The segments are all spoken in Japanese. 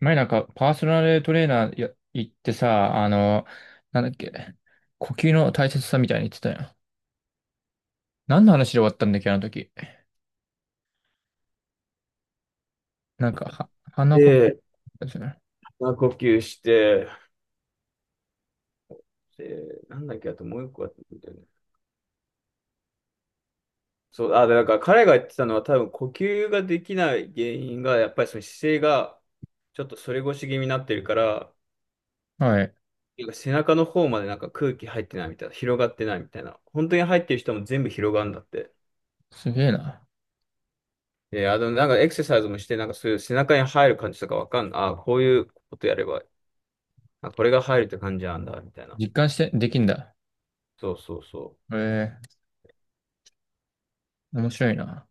前なんかパーソナルトレーナーや行ってさ、なんだっけ、呼吸の大切さみたいに言ってたよ。何の話で終わったんだっけ、あの時。なんか、は、鼻こ、で、まあ、呼吸して、で、なんだっけ、あともう一個あったんだよね。そう、で、なんから彼が言ってたのは多分呼吸ができない原因が、やっぱりその姿勢がちょっと反り腰気味になってるから、はい。なんか背中の方までなんか空気入ってないみたいな、広がってないみたいな。本当に入ってる人も全部広がるんだって。すげえな。で、あの、なんかエクササイズもして、なんかそういう背中に入る感じとかわかんない。あ、こういうことやれば、あ、これが入るって感じなんだ、みたいな。実感して、できんだ。そうそうそう。ええ、面白いな。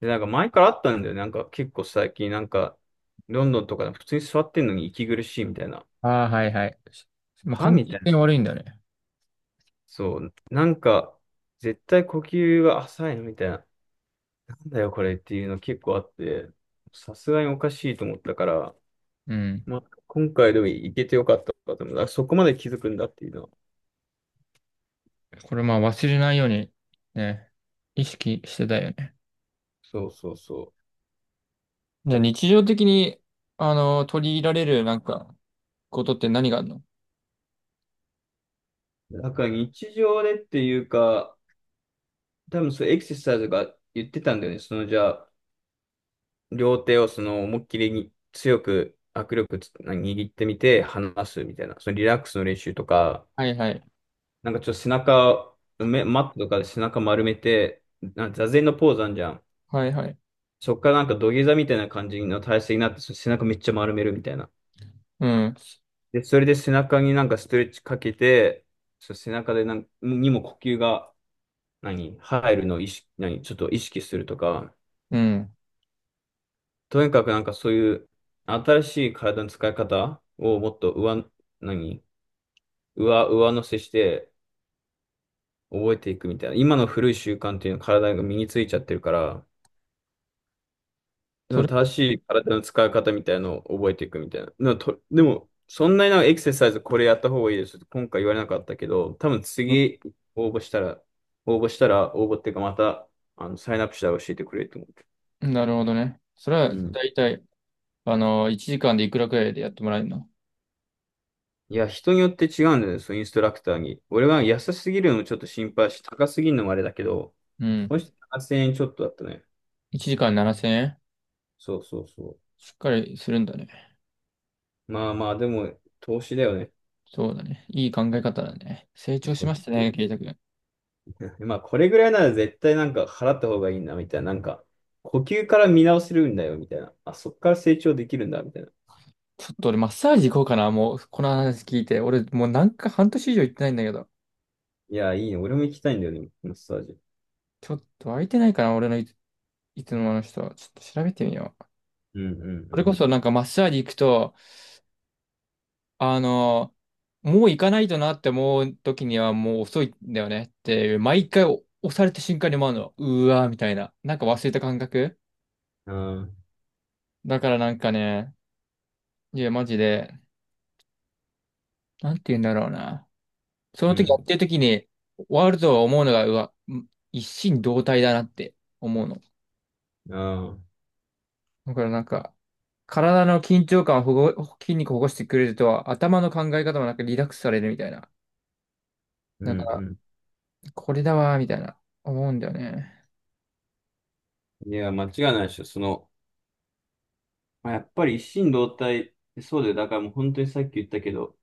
で、なんか前からあったんだよね。なんか結構最近、なんか、ロンドンとかで普通に座ってんのに息苦しいみたいな。ああ、はいはい。もうは換みた気いな。性悪いんだね。そう。なんか、絶対呼吸が浅いのみたいな。なんだよ、これっていうの結構あって、さすがにおかしいと思ったから、うん。まあ、今回でも行けてよかったかと思う。あそこまで気づくんだっていうのは。これまあ忘れないように、ね、意識してたよね。そうそうそじゃあ日常的に、取り入れられるなんか、ことって何があるの？う。なんか日常でっていうか、多分そうエクササイズが言ってたんだよね。そのじゃあ、両手をその思いっきりに強く握力つ握ってみて離すみたいな、そのリラックスの練習とか、はいはい。なんかちょっと背中、マットとかで背中丸めて、な座禅のポーズあんじゃん。はいはい。そっからなんか土下座みたいな感じの体勢になって、その背中めっちゃ丸めるみたいな。うん。で、それで背中になんかストレッチかけて、その背中でなんにも呼吸が何入るのを意識、何ちょっと意識するとか、うん。とにかくなんかそういう新しい体の使い方をもっと上、何上、上乗せして覚えていくみたいな。今の古い習慣っていうのは体が身についちゃってるから、そそのれ、正しい体の使い方みたいなのを覚えていくみたいな。でも、でもそんなになんかエクササイズこれやった方がいいですって今回言われなかったけど、多分う次応募したら、応募したら、応募っていうかまた、あの、サインアップしたら教えてくれると思う。ん、なるほどね。それは、うん。だいたい、1時間でいくらくらいでやってもらえるの？いや、人によって違うんですよね、インストラクターに。俺は安すぎるのもちょっと心配し、高すぎるのもあれだけど、うん。もし8せん円ちょっとだったね。1時間7000円？そうそうそしっかりするんだね。う。まあまあ、でも、投資だよね。そうだね。いい考え方だね。成長しましたね、ケイタ 君。まあ、これぐらいなら絶対なんか払った方がいいな、みたいな。なんか、呼吸から見直せるんだよ、みたいな。あ、そっから成長できるんだ、みたいな。ちょっと俺、マッサージ行こうかな。もう、この話聞いて。俺、もうなんか半年以上行ってないんだけど。いや、いいね。俺も行きたいんだよね、マッサージ。ちょっと空いてないかな、俺のいつもの人。ちょっと調べてみよう。うんうそれこんそなんかマッサージ行くと、あの、もう行かないとなって思う時にはもう遅いんだよねっていう、毎回押された瞬間に思うの、うわーみたいな、なんか忘れた感覚。うん。ああ、だからなんかね、いや、マジで、なんて言うんだろうな。そうの時やっん。てる時に、ワールドを思うのが、うわ、ん、一心同体だなって思うの。ああ、だからなんか、体の緊張感を筋肉をほぐしてくれると、頭の考え方もなんかリラックスされるみたいな。うだかんら、うこれだわーみたいな、思うんだよね。ん。いや、間違いないでしょ。その、まあ、やっぱり一心同体、そうだよ。だからもう本当にさっき言ったけど、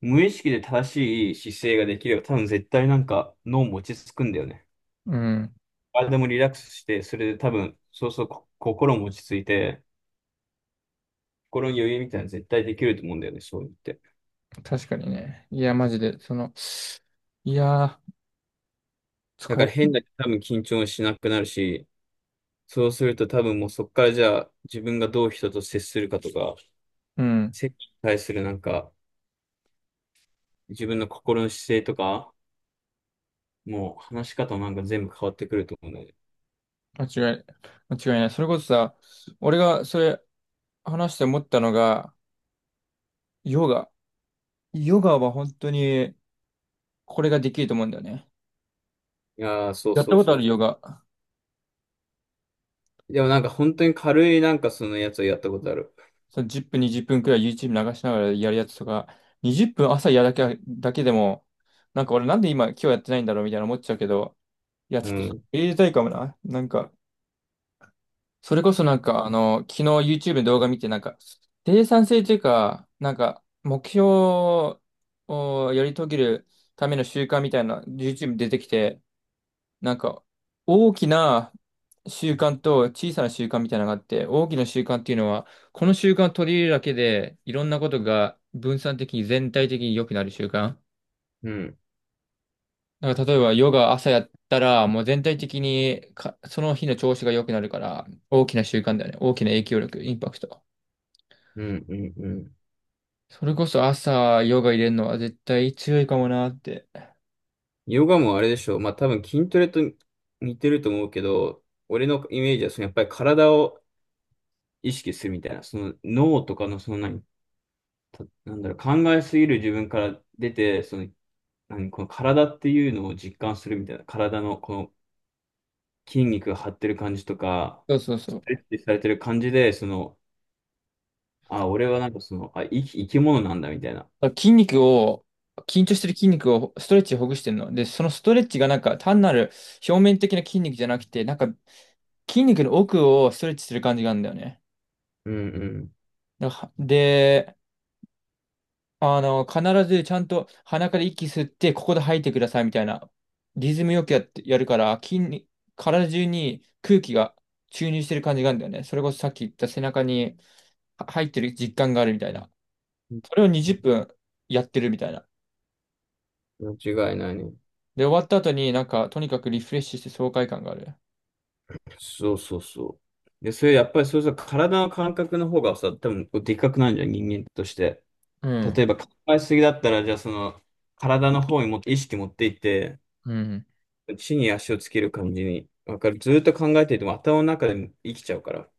無意識で正しい姿勢ができれば、多分絶対なんか脳も落ち着くんだよね。うん。体もリラックスして、それで多分、そうそう、心も落ち着いて、心に余裕みたいなの絶対できると思うんだよね、そう言って。確かにね。いや、マジで、その、いやー、だ使からう、変な、多分緊張しなくなるし、そうすると多分もうそこからじゃあ自分がどう人と接するかとか、うん、接に対するなんか、自分の心の姿勢とか、もう話し方もなんか全部変わってくると思うんだよね。間違い、間違いない。それこそさ、俺がそれ話して思ったのが、ヨガ。ヨガは本当に、これができると思うんだよね。いやー、そうやっそたうことあそう。るヨガ？でもなんか本当に軽いなんかそのやつをやったことある。その10分、20分くらい YouTube 流しながらやるやつとか、20分朝やるだけでも、なんか俺なんで今日やってないんだろうみたいな思っちゃうけど、いや、ちうょっと、ん、入れたいかもな。なんか、それこそなんか、昨日 YouTube で動画見て、なんか、生産性というか、なんか、目標をやり遂げるための習慣みたいな YouTube 出てきて、なんか、大きな習慣と小さな習慣みたいなのがあって、大きな習慣っていうのは、この習慣を取り入れるだけで、いろんなことが分散的に全体的に良くなる習慣。うん、なんか例えばヨガ朝やったら、もう全体的にか、その日の調子が良くなるから、大きな習慣だよね。大きな影響力、インパクト。うん、うん、うん。それこそ朝ヨガ入れるのは絶対強いかもなって。ヨガもあれでしょう。まあ多分筋トレと似てると思うけど、俺のイメージはそのやっぱり体を意識するみたいな、その脳とかのその何、なんだろう、考えすぎる自分から出て、その何、この体っていうのを実感するみたいな、体のこの筋肉が張ってる感じとか、そうそうそスう。トだレかッチされてる感じで、その、あ、俺はなんかその、あ、生き物なんだみたいな。ら筋肉を、緊張してる筋肉をストレッチでほぐしてるの。で、そのストレッチがなんか単なる表面的な筋肉じゃなくて、なんか筋肉の奥をストレッチする感じがあるんだよね。うんだからで、必ずちゃんと鼻から息吸って、ここで吐いてくださいみたいな、リズムよくやって、やるから、体中に空気が注入してる感じがあるんだよね。それこそさっき言った背中には入ってる実感があるみたいな。それを20分やってるみたいな。うん。間違いないね。で、終わった後になんか、とにかくリフレッシュして爽快感がある。そうそうそう。で、それやっぱりそうそう体の感覚の方がさ、多分こうでっかくなるじゃん、人間として。う例ん。えば考えすぎだったら、じゃあその体の方にもっと意識持っていって、うん。地に足をつける感じに、わかる。ずっと考えていても頭の中でも生きちゃうから、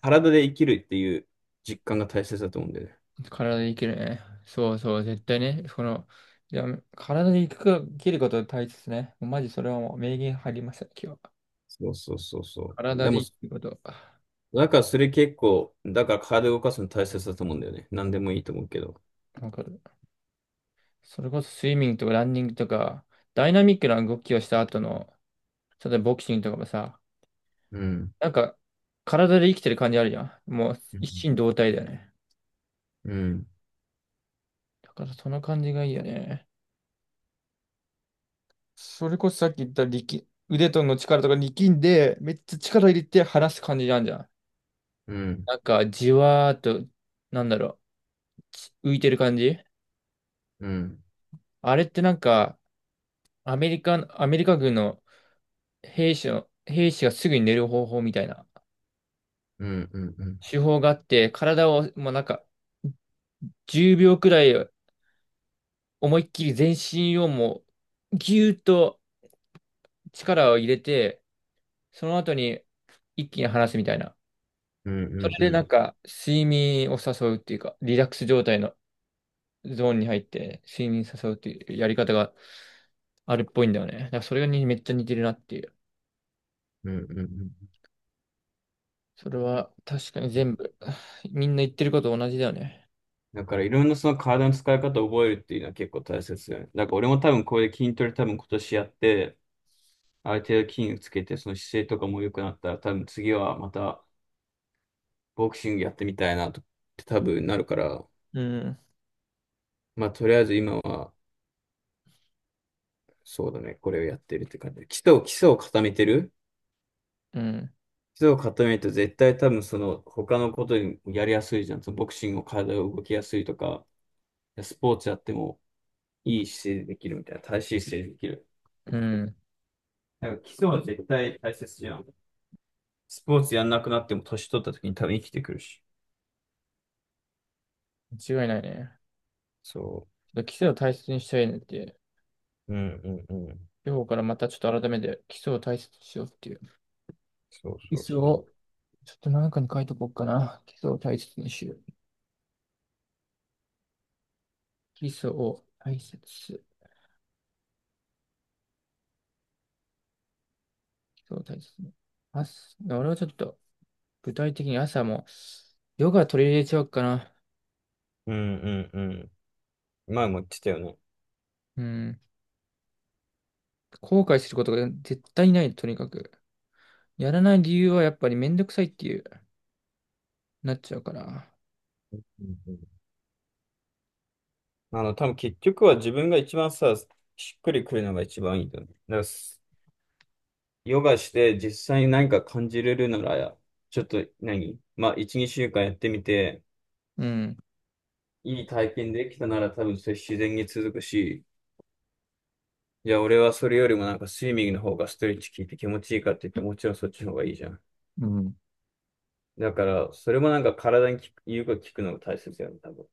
体で生きるっていう実感が大切だと思うんだよね。体でいけるね。そうそう、絶対ね。その、いや、体でいくか、生きることが大切ね。もうマジそれはもう名言入りました、今日は。そうそうそうそう。体ででも、生きること。だからそれ結構、だから体を動かすの大切だと思うんだよね。何でもいいと思うけど。わかる。それこそスイミングとかランニングとか、ダイナミックな動きをした後の、例えばボクシングとかもさ、うん。なんか、体で生きてる感じあるじゃん。もうう一ん。心同体だよね。うんだからその感じがいいよね。それこそさっき言った腕との力とか力んで、めっちゃ力入れて離す感じなんじゃん。うん、なんか、じわーっと、なんだろう、浮いてる感じうん、あれってなんか、アメリカ軍の兵士がすぐに寝る方法みたいなうん、うん、うん、手法があって、体をもうなんか、10秒くらい思いっきり全身をもう、ぎゅーっと力を入れて、その後に一気に離すみたいな。うん、うそん、れうでなん、んか、睡眠を誘うっていうか、リラックス状態のゾーンに入って睡眠誘うっていうやり方があるっぽいんだよね。だからそれがにめっちゃ似てるなっていう。うん、うんそれは確かに全部、みんな言ってること同じだよね。だからいろんなその体の使い方を覚えるっていうのは結構大切だよね。だから俺も多分これで筋トレ多分今年やって、ある程度筋肉つけて、その姿勢とかも良くなったら、多分次はまたボクシングやってみたいなと、多分なるから、うん、まあとりあえず今はそうだね、これをやってるって感じ。基礎を固めてる。うん、基礎を固めると絶対多分その他のことにやりやすいじゃん。そのボクシングを体を動きやすいとか、スポーツやってもいい姿勢でできるみたいな、正しい姿勢でできる。うん。なんか基礎は絶対大切じゃん。スポーツやんなくなっても年取った時に多分生きてくるし。間違いないね。そちょっと基礎を大切にしたいねっていう。う。うんうんうん。今日からまたちょっと改めて基礎を大切にしようっていう。そう基そう礎そをちょっと何かに書いとこうかな。基礎を大切にしよう。基礎を大切。基礎を大切に。朝、俺はちょっと具体的に朝もヨガ取り入れちゃおうかな。う。うんうんうん。前も言ってたよね。うん。後悔することが絶対ない、とにかく。やらない理由はやっぱりめんどくさいっていう、なっちゃうから。うんうん、あの、多分結局は自分が一番さ、しっくりくるのが一番いいんだよね。だからヨガして実際に何か感じれるなら、ちょっと何まあ、1、2週間やってみて、うん。いい体験できたなら多分それ自然に続くし、じゃあ俺はそれよりもなんかスイミングの方がストレッチ効いて気持ちいいかって言ってもちろんそっちの方がいいじゃん。うん。だから、それもなんか体に効く、言うこと聞くのが大切だよね、多分。こ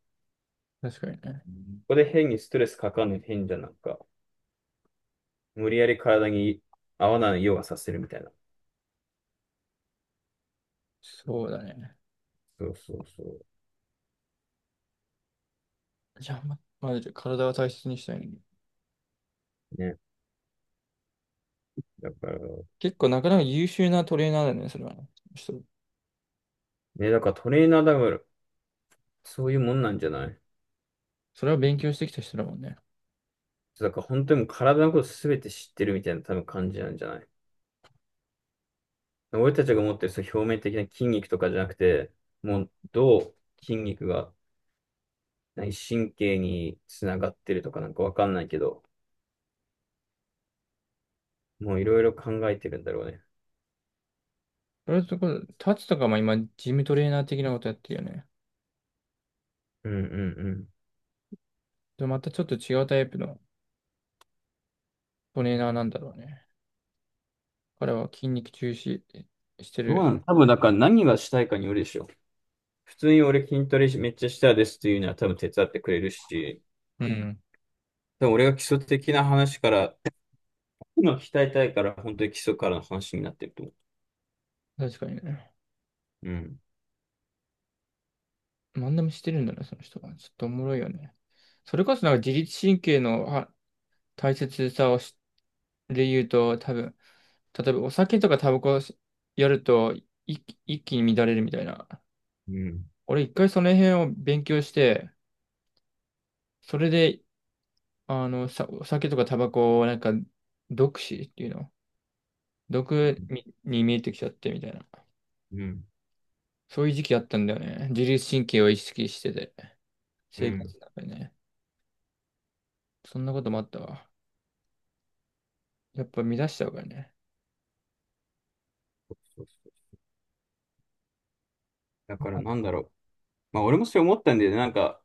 確かにね。こで変にストレスかかんの変じゃんなんか、無理やり体に合わないようがさせるみたいな。そうだね。そうそうそう。じゃあ、まず体は大切にしたいね。ね。だから、結構なかなか優秀なトレーナーだよね、それはね。人。ね、だからトレーナーだから、そういうもんなんじゃない？それは勉強してきた人だもんね。だから本当にもう体のことすべて知ってるみたいな多分感じなんじゃない？俺たちが持ってるその表面的な筋肉とかじゃなくて、もうどう筋肉が何神経につながってるとかなんかわかんないけど、もういろいろ考えてるんだろうね。それところ、タツとかも今、ジムトレーナー的なことやってるよね。うんうんうん。でまたちょっと違うタイプのトレーナーなんだろうね。彼は筋肉重視してどうる。なの？多分だから何がしたいかによるでしょ。普通に俺筋トレめっちゃしたいですっていうのは多分手伝ってくれるし、うん。多分俺が基礎的な話から、今鍛えたいから本当に基礎からの話になってると思確かにね。う。うん。何でもしてるんだね、その人は。ちょっとおもろいよね。それこそなんか自律神経のは大切さをしで言うと、多分、例えばお酒とかタバコやると一気に乱れるみたいな。うん。俺一回その辺を勉強して、それで、さ、お酒とかタバコをなんか、毒死っていうのうん。毒に見えてきちゃってみたいな。うん。そういう時期あったんだよね。自律神経を意識してて、う生活んの中でね。そんなこともあったわ。やっぱ乱しちゃうからね。そうそうだからなんだろう。まあ俺もそれ思ったんだよね。なんか、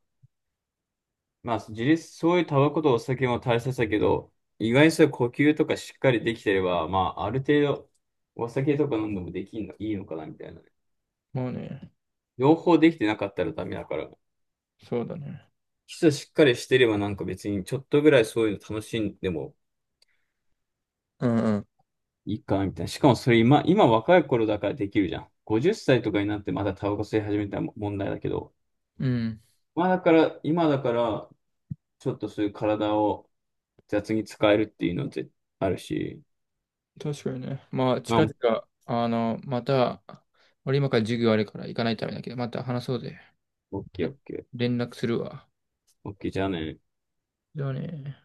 まあ、自立、そういうタバコとお酒も大切だけど、意外にそういう呼吸とかしっかりできてれば、まあ、ある程度、お酒とか飲んでもできんの、いいのかな、みたいな。もうね。両方できてなかったらダメだから、そうだね。基礎しっかりしてればなんか別にちょっとぐらいそういうの楽しんでもうんうん。いいかな、みたいな。しかもそれ今若い頃だからできるじゃん。50歳とかになってまだタバコ吸い始めたら問題だけど、うん。まあだから、今だから、ちょっとそういう体を雑に使えるっていうのってあるし、確かにね。まあ、ま近あ、々、また、俺今から授業あるから行かないとダメだけど、また話そうぜ。オッケーオね、ッケー。連絡するわ。OK、 じゃあね。じゃあね。